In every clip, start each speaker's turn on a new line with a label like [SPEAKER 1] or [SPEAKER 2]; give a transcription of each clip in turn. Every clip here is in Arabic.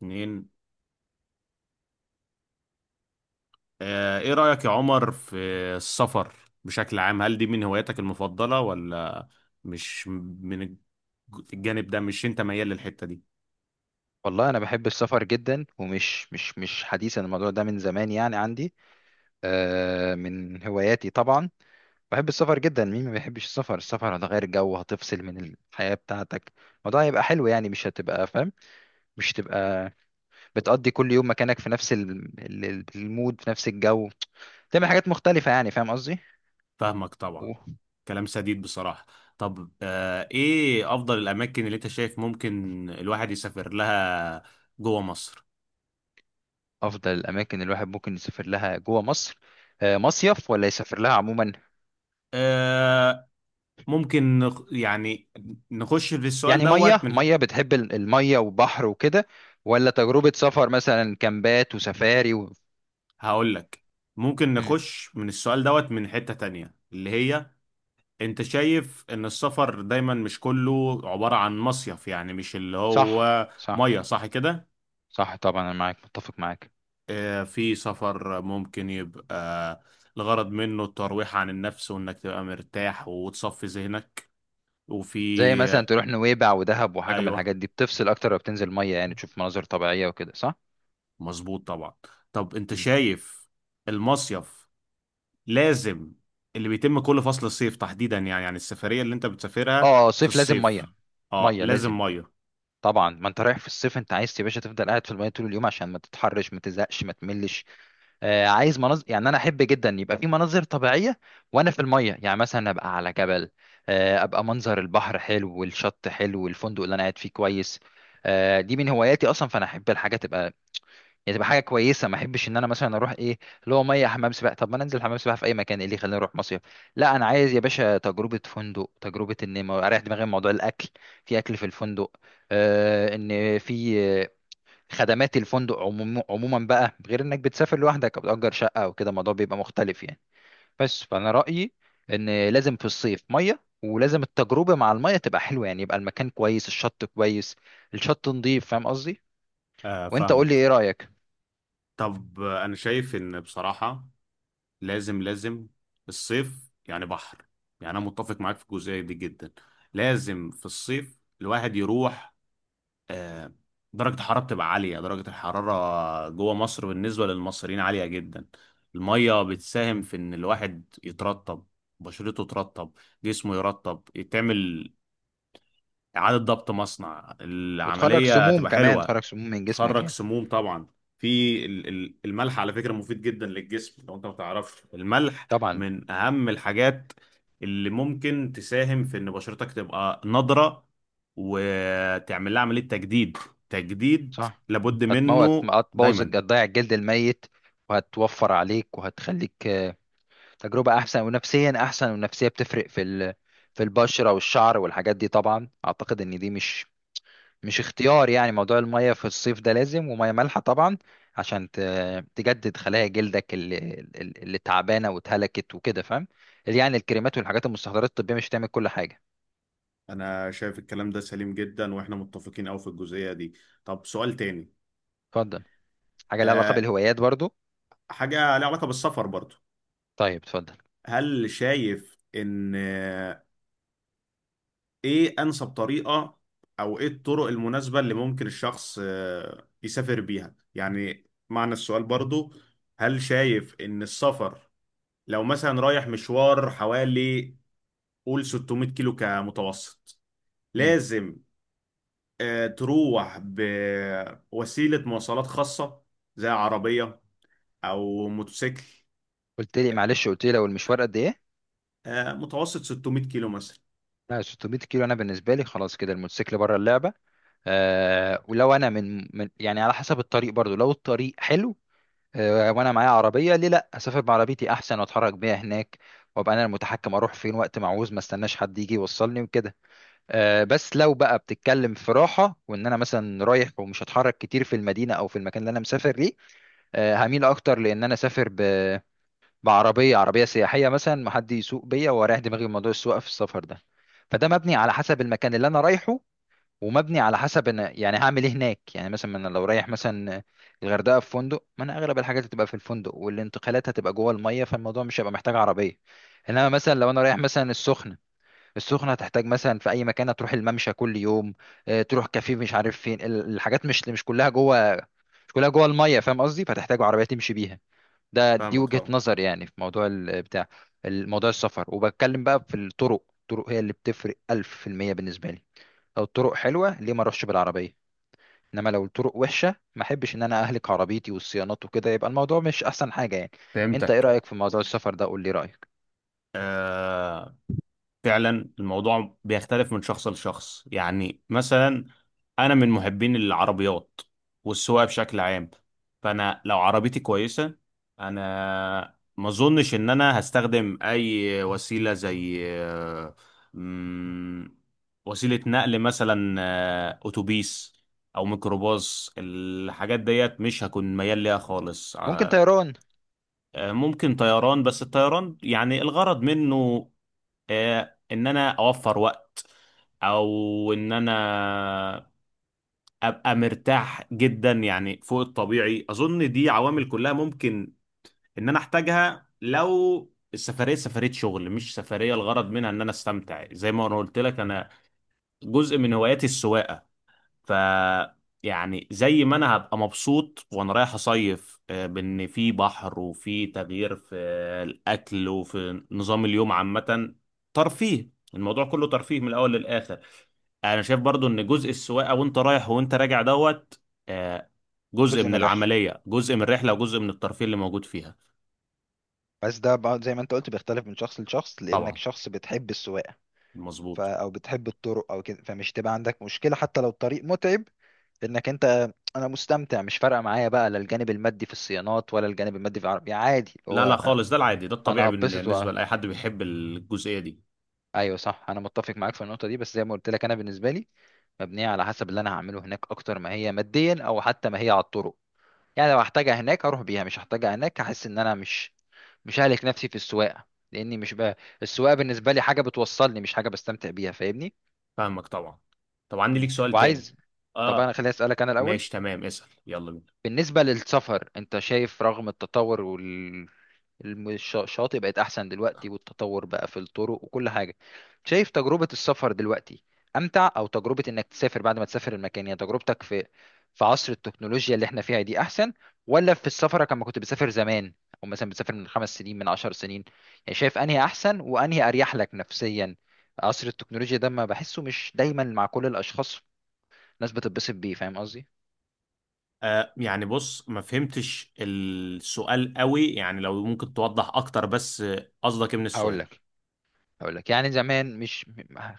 [SPEAKER 1] اتنين. ايه رأيك يا عمر في السفر بشكل عام؟ هل دي من هواياتك المفضلة ولا مش من الجانب ده؟ مش انت ميال للحتة دي؟
[SPEAKER 2] والله انا بحب السفر جدا، ومش مش مش حديث. أنا الموضوع ده من زمان يعني عندي، من هواياتي طبعا. بحب السفر جدا. مين ما بيحبش السفر؟ السفر هتغير جو، هتفصل من الحياة بتاعتك. الموضوع هيبقى حلو يعني، مش هتبقى فاهم، مش هتبقى بتقضي كل يوم مكانك في نفس المود، في نفس الجو. تعمل حاجات مختلفة يعني، فاهم قصدي.
[SPEAKER 1] فاهمك طبعا. كلام سديد بصراحة. طب ايه افضل الاماكن اللي انت شايف ممكن الواحد يسافر لها جوه مصر؟
[SPEAKER 2] وافضل الاماكن اللي الواحد ممكن يسافر لها جوه مصر، مصيف ولا يسافر لها عموما؟
[SPEAKER 1] آه، ممكن يعني نخش في السؤال
[SPEAKER 2] يعني
[SPEAKER 1] دوت
[SPEAKER 2] ميه ميه، بتحب الميه وبحر وكده، ولا تجربة سفر مثلا كامبات وسفاري
[SPEAKER 1] هقول لك. ممكن
[SPEAKER 2] مم.
[SPEAKER 1] نخش من السؤال دوت من حتة تانية، اللي هي انت شايف ان السفر دايما مش كله عبارة عن مصيف؟ يعني مش اللي
[SPEAKER 2] صح،
[SPEAKER 1] هو
[SPEAKER 2] صح،
[SPEAKER 1] مية، صح كده؟
[SPEAKER 2] صح. طبعا انا متفق معاك.
[SPEAKER 1] في سفر ممكن يبقى الغرض منه الترويح عن النفس وانك تبقى مرتاح وتصفي ذهنك.
[SPEAKER 2] زي
[SPEAKER 1] وفي
[SPEAKER 2] مثلا تروح نويبع ودهب وحاجة من
[SPEAKER 1] ايوه،
[SPEAKER 2] الحاجات دي، بتفصل اكتر لو بتنزل ميه، يعني تشوف مناظر طبيعية وكده، صح.
[SPEAKER 1] مظبوط طبعا. طب انت
[SPEAKER 2] مم.
[SPEAKER 1] شايف المصيف لازم، اللي بيتم كل فصل الصيف تحديدا، يعني السفرية اللي انت بتسافرها
[SPEAKER 2] اه،
[SPEAKER 1] في
[SPEAKER 2] صيف لازم ميه.
[SPEAKER 1] الصيف اه
[SPEAKER 2] ميه لازم.
[SPEAKER 1] لازم مية.
[SPEAKER 2] طبعا ما انت رايح في الصيف، انت عايز يا باشا تفضل قاعد في الميه طول اليوم عشان ما تتحرش، ما تزهقش، ما تملش. عايز مناظر، يعني انا احب جدا يبقى في مناظر طبيعيه وانا في الميه، يعني مثلا ابقى على جبل، ابقى منظر البحر حلو والشط حلو والفندق اللي انا قاعد فيه كويس. دي من هواياتي اصلا، فانا احب الحاجه تبقى، يعني تبقى حاجه كويسه. ما احبش ان انا مثلا اروح، ايه اللي هو، ميه حمام سباحه. طب ما انا انزل حمام سباحه في اي مكان، ايه اللي يخليني اروح مصيف؟ لا، انا عايز يا باشا تجربه فندق، تجربه ان اريح دماغي من موضوع الاكل، في اكل في الفندق، ان في خدمات الفندق. عموما بقى، غير انك بتسافر لوحدك او بتأجر شقة او كده، الموضوع بيبقى مختلف يعني. بس فانا رأيي ان لازم في الصيف مية، ولازم التجربة مع المية تبقى حلوة، يعني يبقى المكان كويس، الشط كويس، الشط نضيف، فاهم قصدي.
[SPEAKER 1] آه،
[SPEAKER 2] وانت قول
[SPEAKER 1] فاهمك.
[SPEAKER 2] لي ايه رأيك.
[SPEAKER 1] طب انا شايف ان بصراحة لازم لازم الصيف يعني بحر. يعني انا متفق معاك في الجزئيه دي جدا. لازم في الصيف الواحد يروح. آه، درجه الحراره بتبقى عاليه، درجه الحراره جوه مصر بالنسبه للمصريين عاليه جدا. الميه بتساهم في ان الواحد يترطب، بشرته ترطب، جسمه يرطب، يتعمل اعاده ضبط مصنع.
[SPEAKER 2] وتخرج
[SPEAKER 1] العمليه
[SPEAKER 2] سموم
[SPEAKER 1] تبقى
[SPEAKER 2] كمان،
[SPEAKER 1] حلوه.
[SPEAKER 2] تخرج سموم من جسمك
[SPEAKER 1] تخرج
[SPEAKER 2] يعني.
[SPEAKER 1] سموم طبعا. في الملح على فكرة مفيد جدا للجسم، لو انت ما تعرفش الملح
[SPEAKER 2] طبعا.
[SPEAKER 1] من اهم الحاجات اللي ممكن تساهم في ان بشرتك تبقى نضرة وتعمل لها عملية تجديد. تجديد
[SPEAKER 2] صح.
[SPEAKER 1] لابد
[SPEAKER 2] هتموت،
[SPEAKER 1] منه
[SPEAKER 2] هتبوظ،
[SPEAKER 1] دايما.
[SPEAKER 2] هتضيع الجلد الميت، وهتوفر عليك وهتخليك تجربة أحسن، ونفسيا أحسن. والنفسية بتفرق في في البشرة والشعر والحاجات دي طبعا. أعتقد إن دي مش اختيار. يعني موضوع المية في الصيف ده لازم، ومية مالحة طبعا، عشان تجدد خلايا جلدك اللي تعبانة واتهلكت وكده فاهم. يعني الكريمات والحاجات المستحضرات الطبية مش هتعمل كل حاجة.
[SPEAKER 1] انا شايف الكلام ده سليم جدا واحنا متفقين قوي في الجزئية دي. طب سؤال تاني.
[SPEAKER 2] اتفضل. حاجة لها علاقة
[SPEAKER 1] أه،
[SPEAKER 2] بالهوايات برضو.
[SPEAKER 1] حاجة لها علاقة بالسفر برضو.
[SPEAKER 2] طيب اتفضل.
[SPEAKER 1] هل شايف ان ايه انسب طريقة او ايه الطرق المناسبة اللي ممكن الشخص يسافر بيها؟ يعني معنى السؤال برضو، هل شايف ان السفر لو مثلا رايح مشوار حوالي قول 600 كيلو كمتوسط،
[SPEAKER 2] مم.
[SPEAKER 1] لازم تروح بوسيلة مواصلات خاصة زي عربية او موتوسيكل؟
[SPEAKER 2] قلت لي معلش، قلت لي لو المشوار قد إيه؟
[SPEAKER 1] متوسط 600 كيلو مثلا.
[SPEAKER 2] لا، 600 كيلو أنا بالنسبة لي خلاص كده، الموتوسيكل بره اللعبة. آه ولو انا من، يعني على حسب الطريق برضو. لو الطريق حلو، آه وانا معايا عربيه، ليه لا اسافر بعربيتي احسن، واتحرك بيها هناك، وابقى انا المتحكم اروح فين وقت ما عاوز، ما استناش حد يجي يوصلني وكده. آه، بس لو بقى بتتكلم في راحه، وان انا مثلا رايح ومش هتحرك كتير في المدينه او في المكان اللي انا مسافر ليه، آه هميل اكتر لان انا اسافر بعربيه، عربيه سياحيه مثلا، ما حد يسوق بيا واريح دماغي من موضوع السواقه في السفر ده. فده مبني على حسب المكان اللي انا رايحه، ومبني على حسب انا يعني هعمل ايه هناك. يعني مثلا انا لو رايح مثلا الغردقه في فندق، ما انا اغلب الحاجات هتبقى في الفندق والانتقالات هتبقى جوه الميه، فالموضوع مش هيبقى محتاج عربيه. انما مثلا لو انا رايح مثلا السخنه، السخنه هتحتاج، مثلا في اي مكان هتروح الممشى كل يوم، تروح كافيه، مش عارف فين الحاجات، مش كلها جوه، الميه، فاهم قصدي، فتحتاج عربيه تمشي بيها. ده دي
[SPEAKER 1] فاهمك
[SPEAKER 2] وجهه
[SPEAKER 1] طبعا.
[SPEAKER 2] نظر يعني في موضوع بتاع الموضوع السفر. وبتكلم بقى في الطرق. الطرق هي اللي بتفرق 1000% بالنسبه لي. لو الطرق حلوه ليه ما اروحش بالعربيه؟ انما لو الطرق وحشه، ما احبش ان انا اهلك عربيتي والصيانات وكده، يبقى الموضوع مش احسن حاجه يعني. انت ايه
[SPEAKER 1] فهمتك.
[SPEAKER 2] رايك في موضوع السفر ده؟ قول لي رايك.
[SPEAKER 1] فعلا الموضوع بيختلف من شخص لشخص. يعني مثلا انا من محبين العربيات والسواقه بشكل عام. فانا لو عربيتي كويسه، انا ما اظنش ان انا هستخدم اي وسيله زي مم، وسيله نقل، مثلا اتوبيس او ميكروباص. الحاجات ديت مش هكون ميال ليها خالص.
[SPEAKER 2] ممكن طيران.
[SPEAKER 1] ممكن طيران. بس الطيران يعني الغرض منه ان انا اوفر وقت او ان انا ابقى مرتاح جدا، يعني فوق الطبيعي. اظن دي عوامل كلها ممكن ان انا احتاجها لو السفريه سفريه شغل، مش سفريه الغرض منها ان انا استمتع. زي ما انا قلت لك، انا جزء من هواياتي السواقه. ف يعني زي ما انا هبقى مبسوط وانا رايح اصيف بان في بحر وفي تغيير في الاكل وفي نظام اليوم عامه. ترفيه، الموضوع كله ترفيه من الاول للاخر. انا شايف برضو ان جزء السواقه وانت رايح وانت راجع دوت آه، جزء
[SPEAKER 2] جزء
[SPEAKER 1] من
[SPEAKER 2] من الرحله.
[SPEAKER 1] العمليه، جزء من الرحله، وجزء من الترفيه اللي موجود فيها.
[SPEAKER 2] بس ده بقى زي ما انت قلت، بيختلف من شخص لشخص، لانك
[SPEAKER 1] طبعا،
[SPEAKER 2] شخص بتحب السواقه
[SPEAKER 1] مظبوط.
[SPEAKER 2] او بتحب الطرق او كده، فمش تبقى عندك مشكله حتى لو الطريق متعب. انك انت انا مستمتع، مش فارقه معايا بقى، لا الجانب المادي في الصيانات ولا الجانب المادي في العربيه، عادي
[SPEAKER 1] لا لا
[SPEAKER 2] هو.
[SPEAKER 1] خالص، ده العادي، ده
[SPEAKER 2] انا
[SPEAKER 1] الطبيعي
[SPEAKER 2] هبسط
[SPEAKER 1] بالنسبه لاي حد بيحب الجزئيه دي.
[SPEAKER 2] ايوه، صح، انا متفق معاك في النقطه دي، بس زي ما قلت لك انا بالنسبه لي مبنية على حسب اللي أنا هعمله هناك أكتر ما هي ماديا، أو حتى ما هي على الطرق. يعني لو هحتاجها هناك أروح بيها، مش هحتاجها هناك هحس إن أنا مش ههلك نفسي في السواقة، لأني مش بقى السواقة بالنسبة لي حاجة بتوصلني، مش حاجة بستمتع بيها، فاهمني؟
[SPEAKER 1] فاهمك طبعا. طب عندي
[SPEAKER 2] مم.
[SPEAKER 1] ليك سؤال تاني.
[SPEAKER 2] وعايز. طب أنا
[SPEAKER 1] اه،
[SPEAKER 2] خليني أسألك أنا الأول.
[SPEAKER 1] ماشي تمام، اسأل يلا بينا.
[SPEAKER 2] بالنسبة للسفر انت شايف، رغم التطور وال الم- الش- الشاطئ بقت احسن دلوقتي، والتطور بقى في الطرق وكل حاجة، شايف تجربة السفر دلوقتي امتع، او تجربة انك تسافر بعد ما تسافر المكان، يعني تجربتك في عصر التكنولوجيا اللي احنا فيها دي احسن، ولا في السفر كما كنت بتسافر زمان، او مثلا بتسافر من خمس سنين من عشر سنين؟ يعني شايف انهي احسن وانهي اريح لك نفسيا؟ عصر التكنولوجيا ده ما بحسه مش دايما مع كل الاشخاص، ناس بتتبسط بيه، فاهم قصدي.
[SPEAKER 1] آه، يعني بص ما فهمتش السؤال قوي. يعني لو ممكن توضح اكتر بس. قصدك ايه من
[SPEAKER 2] هقول
[SPEAKER 1] السؤال؟
[SPEAKER 2] لك هقول لك يعني زمان، مش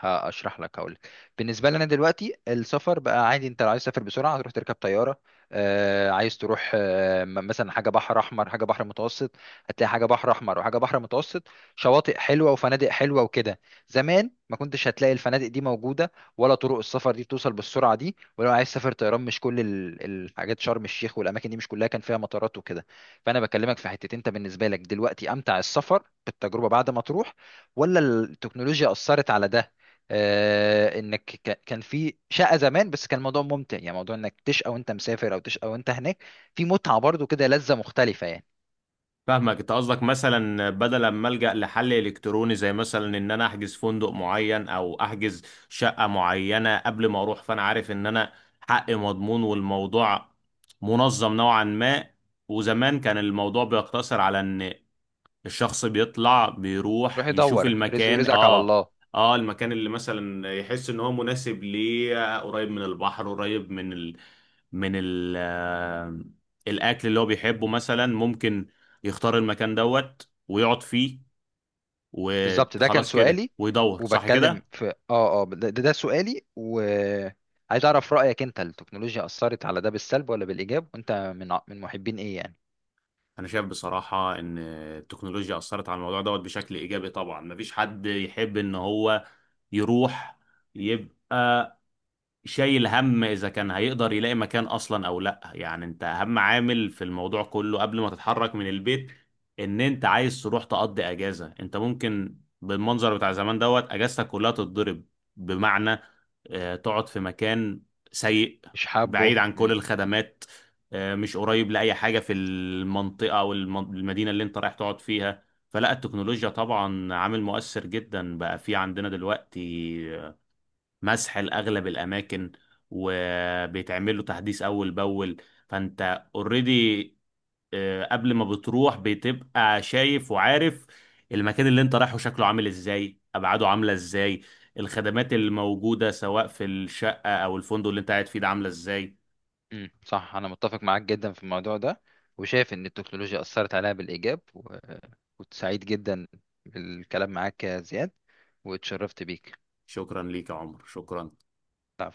[SPEAKER 2] هشرح لك، هقول لك. بالنسبه لنا دلوقتي السفر بقى عادي، انت لو عايز تسافر بسرعه هتروح تركب طياره. آه، عايز تروح، آه مثلا حاجه بحر احمر، حاجه بحر متوسط. هتلاقي حاجه بحر احمر وحاجه بحر متوسط، شواطئ حلوه وفنادق حلوه وكده. زمان ما كنتش هتلاقي الفنادق دي موجوده، ولا طرق السفر دي بتوصل بالسرعه دي. ولو عايز تسافر طيران، مش كل الحاجات، شرم الشيخ والاماكن دي مش كلها كان فيها مطارات وكده. فانا بكلمك في حتتين، انت بالنسبه لك دلوقتي امتع السفر بالتجربه بعد ما تروح، ولا التكنولوجيا أثرت على ده؟ آه، انك كان في شقة زمان، بس كان الموضوع ممتع، يعني موضوع انك تشقى وانت مسافر او تشقى وانت هناك، في متعة برضو كده، لذة مختلفة يعني.
[SPEAKER 1] فاهمك. انت قصدك مثلا بدل ما ألجأ لحل الكتروني، زي مثلا ان انا احجز فندق معين او احجز شقة معينة قبل ما اروح. فانا عارف ان انا حقي مضمون والموضوع منظم نوعا ما. وزمان كان الموضوع بيقتصر على ان الشخص بيطلع
[SPEAKER 2] روح
[SPEAKER 1] بيروح يشوف
[SPEAKER 2] يدور رزقي،
[SPEAKER 1] المكان.
[SPEAKER 2] ورزقك على
[SPEAKER 1] اه،
[SPEAKER 2] الله.
[SPEAKER 1] اه المكان اللي مثلا يحس ان هو مناسب ليه، قريب من البحر، قريب من ال... من ال... آه، الاكل اللي هو بيحبه مثلا. ممكن يختار المكان دوت ويقعد فيه
[SPEAKER 2] بالظبط، ده كان
[SPEAKER 1] وخلاص كده
[SPEAKER 2] سؤالي،
[SPEAKER 1] ويدور، صح
[SPEAKER 2] وبتكلم
[SPEAKER 1] كده.
[SPEAKER 2] في ده سؤالي، وعايز اعرف رأيك. انت التكنولوجيا أثرت على ده بالسلب ولا بالإيجاب؟ وانت من محبين ايه يعني؟
[SPEAKER 1] انا شايف بصراحة ان التكنولوجيا اثرت على الموضوع دوت بشكل ايجابي طبعا. مفيش حد يحب ان هو يروح يبقى شايل هم اذا كان هيقدر يلاقي مكان اصلا او لا. يعني انت اهم عامل في الموضوع كله قبل ما تتحرك من البيت، ان انت عايز تروح تقضي اجازة. انت ممكن بالمنظر بتاع زمان دوت اجازتك كلها تتضرب. بمعنى تقعد في مكان سيء
[SPEAKER 2] مش حابه.
[SPEAKER 1] بعيد عن كل الخدمات، مش قريب لأي حاجة في المنطقة او المدينة اللي انت رايح تقعد فيها. فلا، التكنولوجيا طبعا عامل مؤثر جدا بقى في عندنا دلوقتي. مسح لأغلب الأماكن وبيتعمل له تحديث أول بأول. فأنت اوريدي قبل ما بتروح بتبقى شايف وعارف المكان اللي انت رايحه شكله عامل ازاي، أبعاده عاملة ازاي، الخدمات الموجودة سواء في الشقة أو الفندق اللي انت قاعد فيه ده عاملة ازاي.
[SPEAKER 2] امم، صح، انا متفق معاك جدا في الموضوع ده، وشايف ان التكنولوجيا اثرت عليها بالايجاب كنت سعيد جدا بالكلام معاك يا زياد، واتشرفت بيك.
[SPEAKER 1] شكرا ليك يا عمر، شكرا.
[SPEAKER 2] العفو.